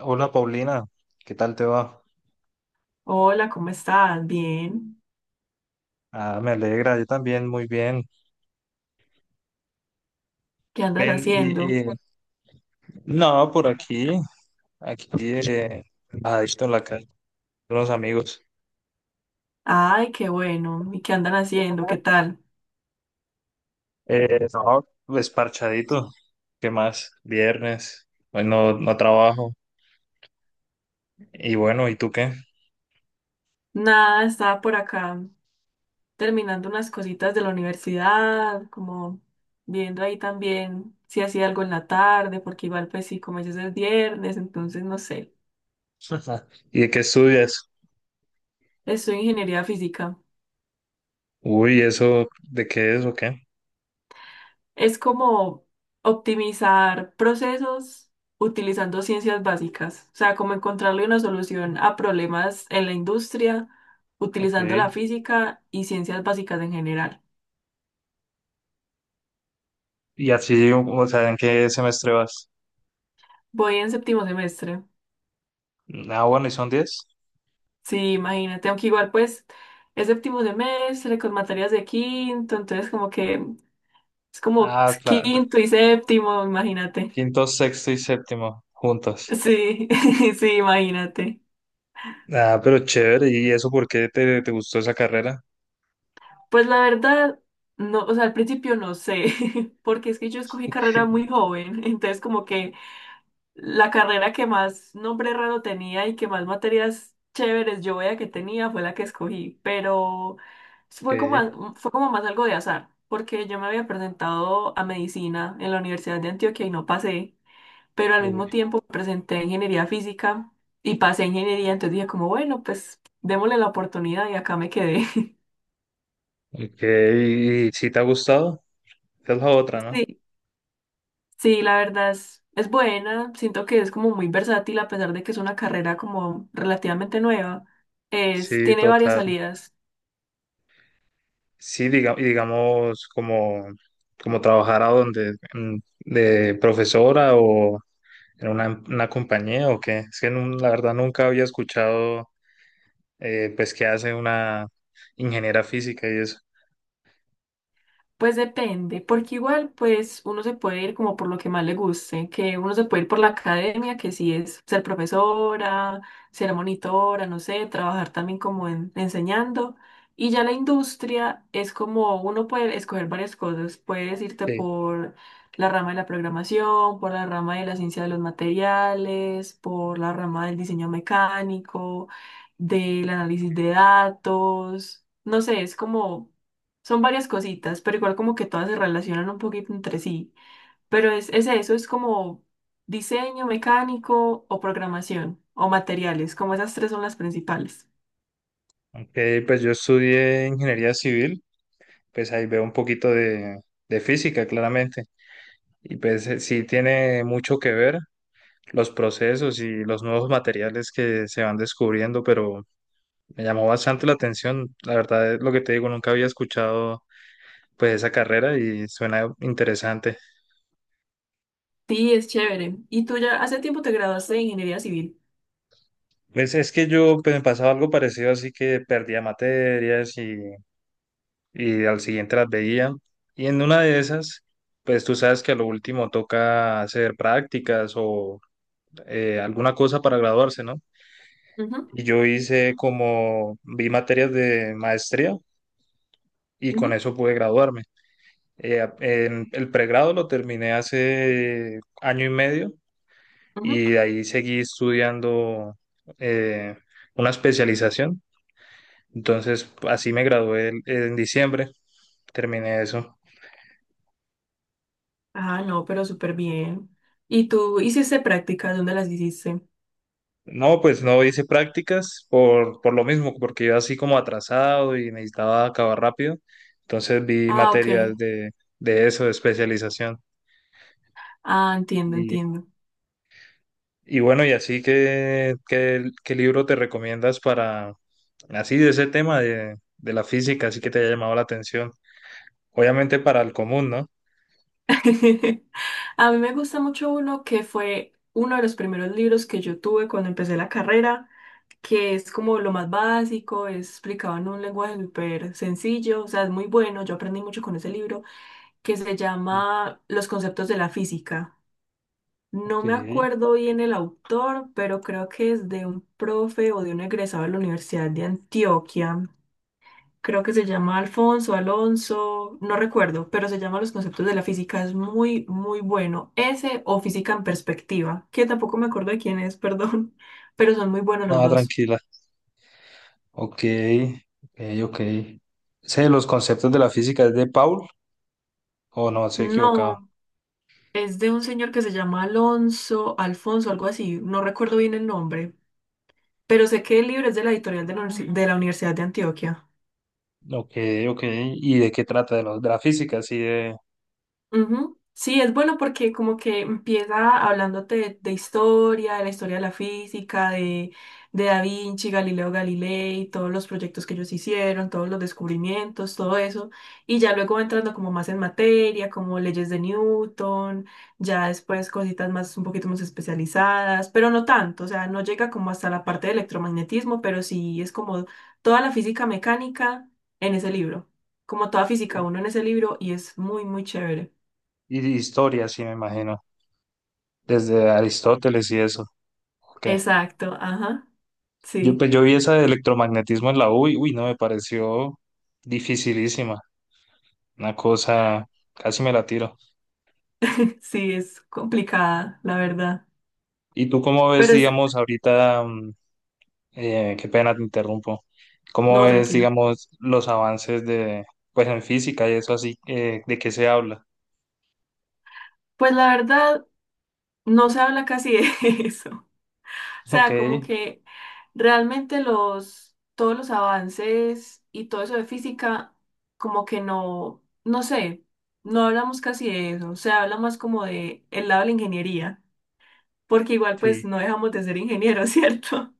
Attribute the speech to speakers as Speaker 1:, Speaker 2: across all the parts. Speaker 1: Hola Paulina, ¿qué tal te va?
Speaker 2: Hola, ¿cómo estás? Bien.
Speaker 1: Ah, me alegra, yo también, muy bien.
Speaker 2: ¿Qué andas
Speaker 1: Ven,
Speaker 2: haciendo?
Speaker 1: no, por aquí, aquí, eh, bajadito en la calle, con unos amigos.
Speaker 2: Ay, qué bueno. ¿Y qué andan haciendo? ¿Qué tal?
Speaker 1: No, pues parchadito, ¿qué más? Viernes, hoy no trabajo. Y bueno, ¿y tú qué?
Speaker 2: Nada, estaba por acá terminando unas cositas de la universidad, como viendo ahí también si hacía algo en la tarde, porque igual pues sí, como ya es el viernes, entonces no sé.
Speaker 1: Ajá. ¿Y de qué estudias?
Speaker 2: Estoy en ingeniería física.
Speaker 1: Uy, ¿eso de qué es o qué?
Speaker 2: Es como optimizar procesos utilizando ciencias básicas, o sea, como encontrarle una solución a problemas en la industria
Speaker 1: Ok.
Speaker 2: utilizando la física y ciencias básicas en general.
Speaker 1: Y así, o sea, ¿en qué semestre vas?
Speaker 2: Voy en séptimo semestre.
Speaker 1: Ah, bueno, ¿y son diez?
Speaker 2: Sí, imagínate, aunque igual pues es séptimo semestre con materias de quinto, entonces como que es como
Speaker 1: Ah, claro.
Speaker 2: quinto y séptimo, imagínate.
Speaker 1: Quinto, sexto y séptimo, juntos.
Speaker 2: Sí, sí, imagínate.
Speaker 1: Ah, pero chévere. ¿Y eso por qué te gustó esa carrera?
Speaker 2: Pues la verdad, no, o sea, al principio no sé, porque es que yo escogí carrera muy joven, entonces como que la carrera que más nombre raro tenía y que más materias chéveres yo veía que tenía fue la que escogí, pero
Speaker 1: Ok,
Speaker 2: fue como, fue como más algo de azar, porque yo me había presentado a medicina en la Universidad de Antioquia y no pasé, pero al mismo
Speaker 1: uy.
Speaker 2: tiempo presenté a ingeniería física y pasé a ingeniería, entonces dije como, bueno, pues démosle la oportunidad y acá me quedé.
Speaker 1: Ok, ¿y si te ha gustado? Esa es la otra, ¿no?
Speaker 2: Sí. Sí, la verdad es buena. Siento que es como muy versátil a pesar de que es una carrera como relativamente nueva. Es,
Speaker 1: Sí,
Speaker 2: tiene varias
Speaker 1: total.
Speaker 2: salidas.
Speaker 1: Sí, y digamos, como, como trabajar a donde, de profesora o en una compañía o qué. Es que la verdad nunca había escuchado, pues, qué hace una ingeniera física y eso.
Speaker 2: Pues depende, porque igual pues uno se puede ir como por lo que más le guste, que uno se puede ir por la academia, que sí es ser profesora, ser monitora, no sé, trabajar también como enseñando. Y ya la industria es como uno puede escoger varias cosas, puedes irte
Speaker 1: Sí.
Speaker 2: por la rama de la programación, por la rama de la ciencia de los materiales, por la rama del diseño mecánico, del análisis de datos, no sé, es como son varias cositas, pero igual como que todas se relacionan un poquito entre sí. Pero es eso, es como diseño mecánico o programación o materiales, como esas tres son las principales.
Speaker 1: Ok, pues yo estudié ingeniería civil. Pues ahí veo un poquito de física, claramente. Y pues sí tiene mucho que ver los procesos y los nuevos materiales que se van descubriendo, pero me llamó bastante la atención. La verdad es lo que te digo, nunca había escuchado pues esa carrera y suena interesante.
Speaker 2: Sí, es chévere. ¿Y tú ya hace tiempo te graduaste de ingeniería civil?
Speaker 1: Pues es que yo pues, me pasaba algo parecido, así que perdía materias y al siguiente las veía. Y en una de esas, pues tú sabes que a lo último toca hacer prácticas o alguna cosa para graduarse, ¿no?
Speaker 2: Ujú,
Speaker 1: Y yo hice como, vi materias de maestría y con
Speaker 2: ujú,
Speaker 1: eso pude graduarme. En el pregrado lo terminé hace año y medio
Speaker 2: ujú.
Speaker 1: y de ahí seguí estudiando eh, una especialización. Entonces, así me gradué en diciembre, terminé eso.
Speaker 2: Ah, no, pero súper bien. ¿Y tú hiciste prácticas? ¿Dónde las hiciste?
Speaker 1: No, pues no hice prácticas por lo mismo, porque iba así como atrasado y necesitaba acabar rápido. Entonces vi
Speaker 2: Ah, ok.
Speaker 1: materias de eso, de especialización.
Speaker 2: Ah, entiendo,
Speaker 1: Y,
Speaker 2: entiendo.
Speaker 1: y bueno, y así que, qué libro te recomiendas para, así de ese tema de la física, así que te haya llamado la atención? Obviamente para el común, ¿no?
Speaker 2: A mí me gusta mucho uno que fue uno de los primeros libros que yo tuve cuando empecé la carrera, que es como lo más básico, es explicado en un lenguaje súper sencillo, o sea, es muy bueno, yo aprendí mucho con ese libro, que se
Speaker 1: Sí.
Speaker 2: llama Los conceptos de la física. No
Speaker 1: Ok,
Speaker 2: me acuerdo bien el autor, pero creo que es de un profe o de un egresado de la Universidad de Antioquia. Creo que se llama Alfonso, Alonso, no recuerdo, pero se llama Los conceptos de la física, es muy, muy bueno. Ese o Física en perspectiva, que tampoco me acuerdo de quién es, perdón, pero son muy buenos los
Speaker 1: no,
Speaker 2: dos.
Speaker 1: tranquila. Ok, ok, ok. ¿Ese los conceptos de la física es de Paul o no, se he equivocado?
Speaker 2: No, es de un señor que se llama Alonso, Alfonso, algo así, no recuerdo bien el nombre, pero sé que el libro es de la editorial de de la Universidad de Antioquia.
Speaker 1: Ok, ok. ¿Y de qué trata? De, los, de la física, así de,
Speaker 2: Ujú. Sí, es bueno porque como que empieza hablándote de historia de la física, de Da Vinci, Galileo Galilei, todos los proyectos que ellos hicieron, todos los descubrimientos, todo eso. Y ya luego va entrando como más en materia, como leyes de Newton, ya después cositas más, un poquito más especializadas, pero no tanto, o sea, no llega como hasta la parte de electromagnetismo, pero sí es como toda la física mecánica en ese libro, como toda física uno en ese libro y es muy, muy chévere.
Speaker 1: y de historia, sí, me imagino. Desde Aristóteles y eso. Ok.
Speaker 2: Exacto, ajá.
Speaker 1: Yo,
Speaker 2: Sí,
Speaker 1: pues, yo vi esa de electromagnetismo en la U y, uy, no, me pareció dificilísima. Una cosa, casi me la tiro.
Speaker 2: sí, es complicada, la verdad.
Speaker 1: ¿Y tú cómo ves,
Speaker 2: Pero es,
Speaker 1: digamos, ahorita, qué pena te interrumpo, cómo
Speaker 2: no,
Speaker 1: ves,
Speaker 2: tranquilo.
Speaker 1: digamos, los avances de, pues, en física y eso así, de qué se habla?
Speaker 2: Pues la verdad, no se habla casi de eso. O
Speaker 1: Ok,
Speaker 2: sea, como que realmente los, todos los avances y todo eso de física, como que no, no sé, no hablamos casi de eso. Se habla más como de el lado de la ingeniería, porque igual pues
Speaker 1: Sí,
Speaker 2: no dejamos de ser ingenieros, ¿cierto?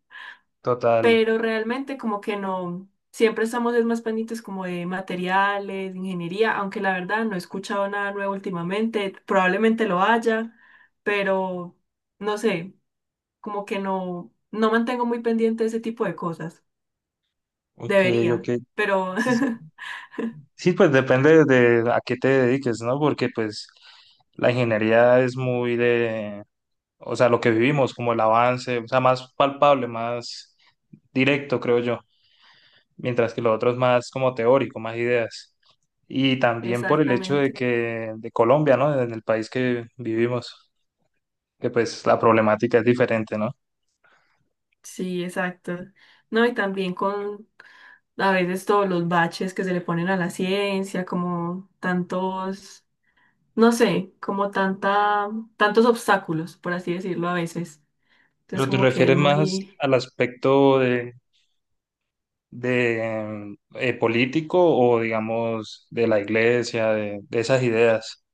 Speaker 1: total.
Speaker 2: Pero realmente como que no, siempre estamos es más pendientes como de materiales, de ingeniería, aunque la verdad no he escuchado nada nuevo últimamente, probablemente lo haya, pero no sé, como que no, no mantengo muy pendiente ese tipo de cosas.
Speaker 1: Ok,
Speaker 2: Debería,
Speaker 1: ok.
Speaker 2: pero
Speaker 1: Sí, pues depende de a qué te dediques, ¿no? Porque pues la ingeniería es muy de, o sea, lo que vivimos, como el avance, o sea, más palpable, más directo, creo yo, mientras que lo otro es más como teórico, más ideas. Y también por el hecho de
Speaker 2: exactamente.
Speaker 1: que, de Colombia, ¿no? En el país que vivimos, que pues la problemática es diferente, ¿no?
Speaker 2: Sí, exacto. No, y también con a veces todos los baches que se le ponen a la ciencia, como tantos no sé, como tanta, tantos obstáculos, por así decirlo, a veces. Entonces,
Speaker 1: Pero te
Speaker 2: como que es
Speaker 1: refieres más
Speaker 2: muy...
Speaker 1: al aspecto de político o digamos de la iglesia, de esas ideas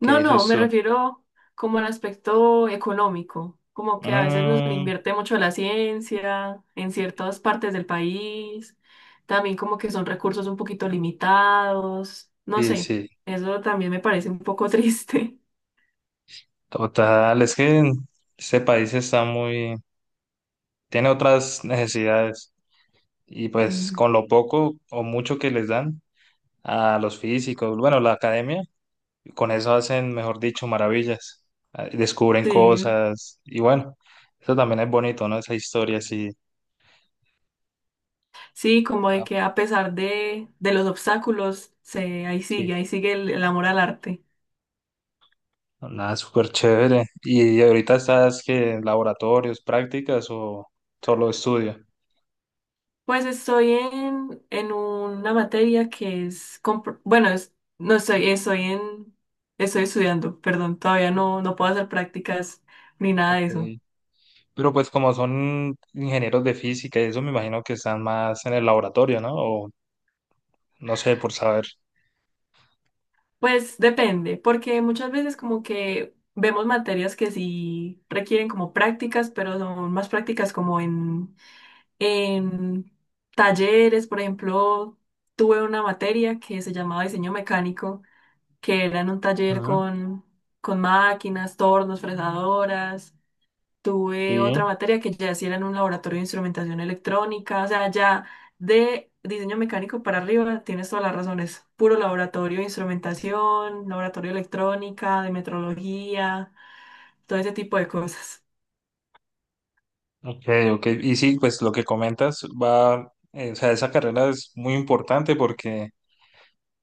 Speaker 1: que
Speaker 2: no,
Speaker 1: dices
Speaker 2: me
Speaker 1: tú.
Speaker 2: refiero como al aspecto económico, como que a veces nos
Speaker 1: Mm,
Speaker 2: invierte mucho a la ciencia en ciertas partes del país, también como que son recursos un poquito limitados, no
Speaker 1: sí,
Speaker 2: sé,
Speaker 1: sí,
Speaker 2: eso también me parece un poco triste.
Speaker 1: total, es que este país está muy, tiene otras necesidades y pues
Speaker 2: Mm.
Speaker 1: con lo poco o mucho que les dan a los físicos, bueno, la academia, con eso hacen, mejor dicho, maravillas, descubren
Speaker 2: Sí,
Speaker 1: cosas y bueno, eso también es bonito, ¿no? Esa historia así.
Speaker 2: sí, como de
Speaker 1: Ah,
Speaker 2: que a pesar de los obstáculos, se,
Speaker 1: sí.
Speaker 2: ahí sigue el amor al arte.
Speaker 1: Nada, súper chévere. ¿Y ahorita estás que en laboratorios, prácticas o solo estudio?
Speaker 2: Pues estoy en una materia que es, bueno, no estoy, estoy en, estoy estudiando, perdón, todavía no, no puedo hacer prácticas ni nada de
Speaker 1: Ok.
Speaker 2: eso.
Speaker 1: Pero pues como son ingenieros de física y eso, me imagino que están más en el laboratorio, ¿no? O no sé, por saber.
Speaker 2: Pues depende, porque muchas veces como que vemos materias que sí requieren como prácticas, pero son más prácticas como en talleres, por ejemplo, tuve una materia que se llamaba diseño mecánico que era en un taller
Speaker 1: Ujú.
Speaker 2: con máquinas, tornos, fresadoras. Tuve
Speaker 1: Sí.
Speaker 2: otra materia que ya sí era en un laboratorio de instrumentación electrónica, o sea, ya de diseño mecánico para arriba, tienes todas las razones. Puro laboratorio de instrumentación, laboratorio de electrónica, de metrología, todo ese tipo de cosas.
Speaker 1: Ok, ok. Y sí, pues lo que comentas va, o sea, esa carrera es muy importante porque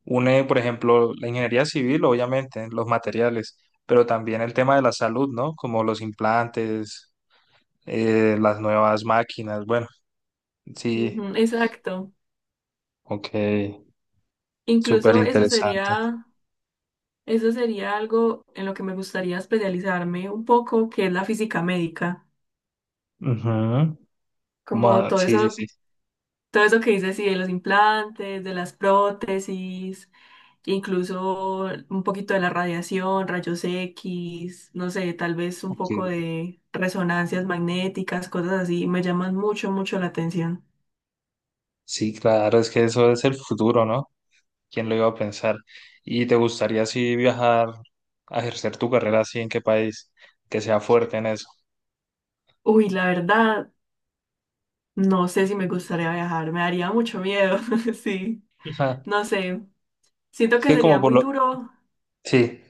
Speaker 1: une, por ejemplo, la ingeniería civil, obviamente, los materiales, pero también el tema de la salud, ¿no? Como los implantes, las nuevas máquinas. Bueno, sí,
Speaker 2: Ujú, exacto.
Speaker 1: ok, súper
Speaker 2: Incluso
Speaker 1: interesante.
Speaker 2: eso sería algo en lo que me gustaría especializarme un poco, que es la física médica,
Speaker 1: Ujú.
Speaker 2: como todo
Speaker 1: Sí, sí,
Speaker 2: eso.
Speaker 1: sí.
Speaker 2: Todo eso que dices, sí, de los implantes, de las prótesis, incluso un poquito de la radiación, rayos X, no sé, tal vez un poco
Speaker 1: Ok.
Speaker 2: de resonancias magnéticas, cosas así, me llaman mucho, mucho la atención.
Speaker 1: Sí, claro, es que eso es el futuro, ¿no? ¿Quién lo iba a pensar? ¿Y te gustaría así viajar a ejercer tu carrera así en qué país? Que sea fuerte en eso.
Speaker 2: Uy, la verdad, no sé si me gustaría viajar, me daría mucho miedo, sí,
Speaker 1: Ajá.
Speaker 2: no sé, siento
Speaker 1: Es
Speaker 2: que
Speaker 1: que
Speaker 2: sería
Speaker 1: como por
Speaker 2: muy
Speaker 1: lo...
Speaker 2: duro,
Speaker 1: Sí,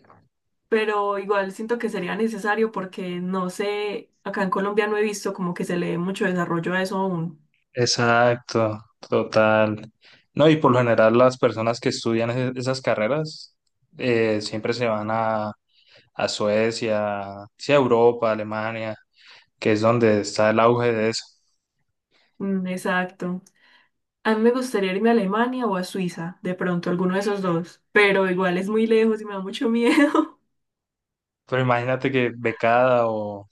Speaker 2: pero igual siento que sería necesario porque no sé, acá en Colombia no he visto como que se le dé mucho desarrollo a eso aún.
Speaker 1: exacto, total. No, y por lo general las personas que estudian esas carreras siempre se van a Suecia, sí, a Europa, a Alemania, que es donde está el auge de eso.
Speaker 2: Mm, exacto. A mí me gustaría irme a Alemania o a Suiza, de pronto, alguno de esos dos, pero igual es muy lejos y me da mucho miedo.
Speaker 1: Pero imagínate que becada o,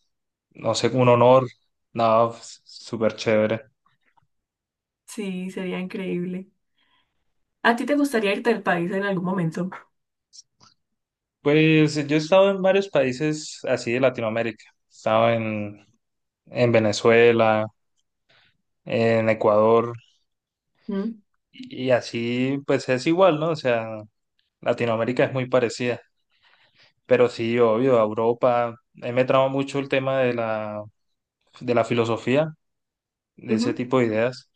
Speaker 1: no sé, un honor, no, súper chévere.
Speaker 2: Sí, sería increíble. ¿A ti te gustaría irte del país en algún momento?
Speaker 1: Pues yo he estado en varios países así de Latinoamérica. He estado en Venezuela, en Ecuador,
Speaker 2: ¿Mm?
Speaker 1: y así pues es igual, ¿no? O sea, Latinoamérica es muy parecida. Pero sí, obvio, a Europa. A mí me traba mucho el tema de la filosofía de ese
Speaker 2: Ujú.
Speaker 1: tipo de ideas,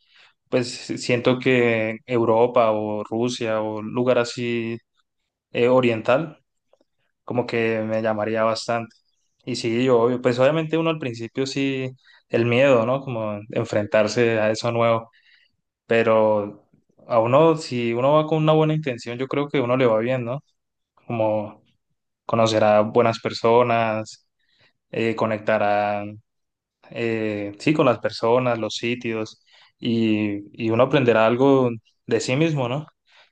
Speaker 1: pues siento que Europa o Rusia o un lugar así oriental, como que me llamaría bastante. Y sí, yo, obvio, pues obviamente uno al principio sí, el miedo, ¿no? Como enfrentarse a eso nuevo, pero a uno, si uno va con una buena intención, yo creo que uno le va bien, ¿no? Como conocer a buenas personas, conectará sí, con las personas, los sitios, y uno aprenderá algo de sí mismo, ¿no?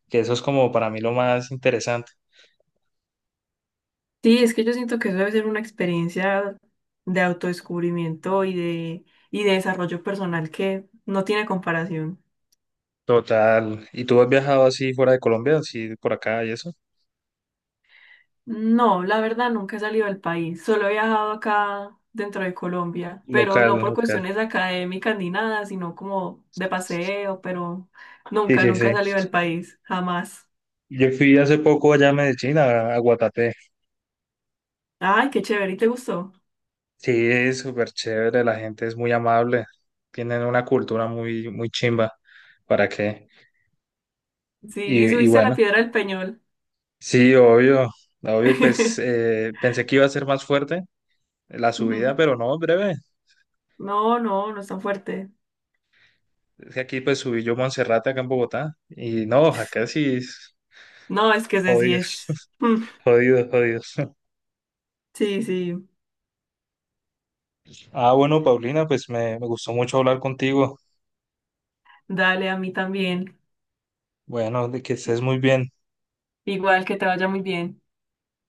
Speaker 1: Que eso es como para mí lo más interesante.
Speaker 2: Sí, es que yo siento que eso debe ser una experiencia de autodescubrimiento y de desarrollo personal que no tiene comparación.
Speaker 1: Total. ¿Y tú has viajado así fuera de Colombia, así por acá y eso?
Speaker 2: No, la verdad nunca he salido del país, solo he viajado acá dentro de Colombia, pero
Speaker 1: Local,
Speaker 2: no por
Speaker 1: local.
Speaker 2: cuestiones académicas ni nada, sino como de paseo, pero
Speaker 1: Sí,
Speaker 2: nunca,
Speaker 1: sí,
Speaker 2: nunca he
Speaker 1: sí.
Speaker 2: salido del país, jamás.
Speaker 1: Yo fui hace poco allá a Medellín, a Guatapé.
Speaker 2: Ay, qué chévere, ¿y te gustó?
Speaker 1: Sí, es súper chévere, la gente es muy amable, tienen una cultura muy, muy chimba, ¿para qué?
Speaker 2: Sí, y
Speaker 1: Y
Speaker 2: subiste a la
Speaker 1: bueno,
Speaker 2: Piedra del Peñol.
Speaker 1: sí, obvio, obvio, pues pensé que iba a ser más fuerte, la subida,
Speaker 2: Ujú.
Speaker 1: pero no, breve.
Speaker 2: No, no, no es tan fuerte.
Speaker 1: Es que aquí pues subí yo a Monserrate acá en Bogotá. Y no, acá sí es
Speaker 2: No, es que ese sí
Speaker 1: jodido,
Speaker 2: es. Mm,
Speaker 1: jodido, jodido.
Speaker 2: sí, sí,
Speaker 1: Ah, bueno, Paulina, pues me gustó mucho hablar contigo.
Speaker 2: dale, a mí también.
Speaker 1: Bueno, de que estés muy bien.
Speaker 2: Igual que te vaya muy bien.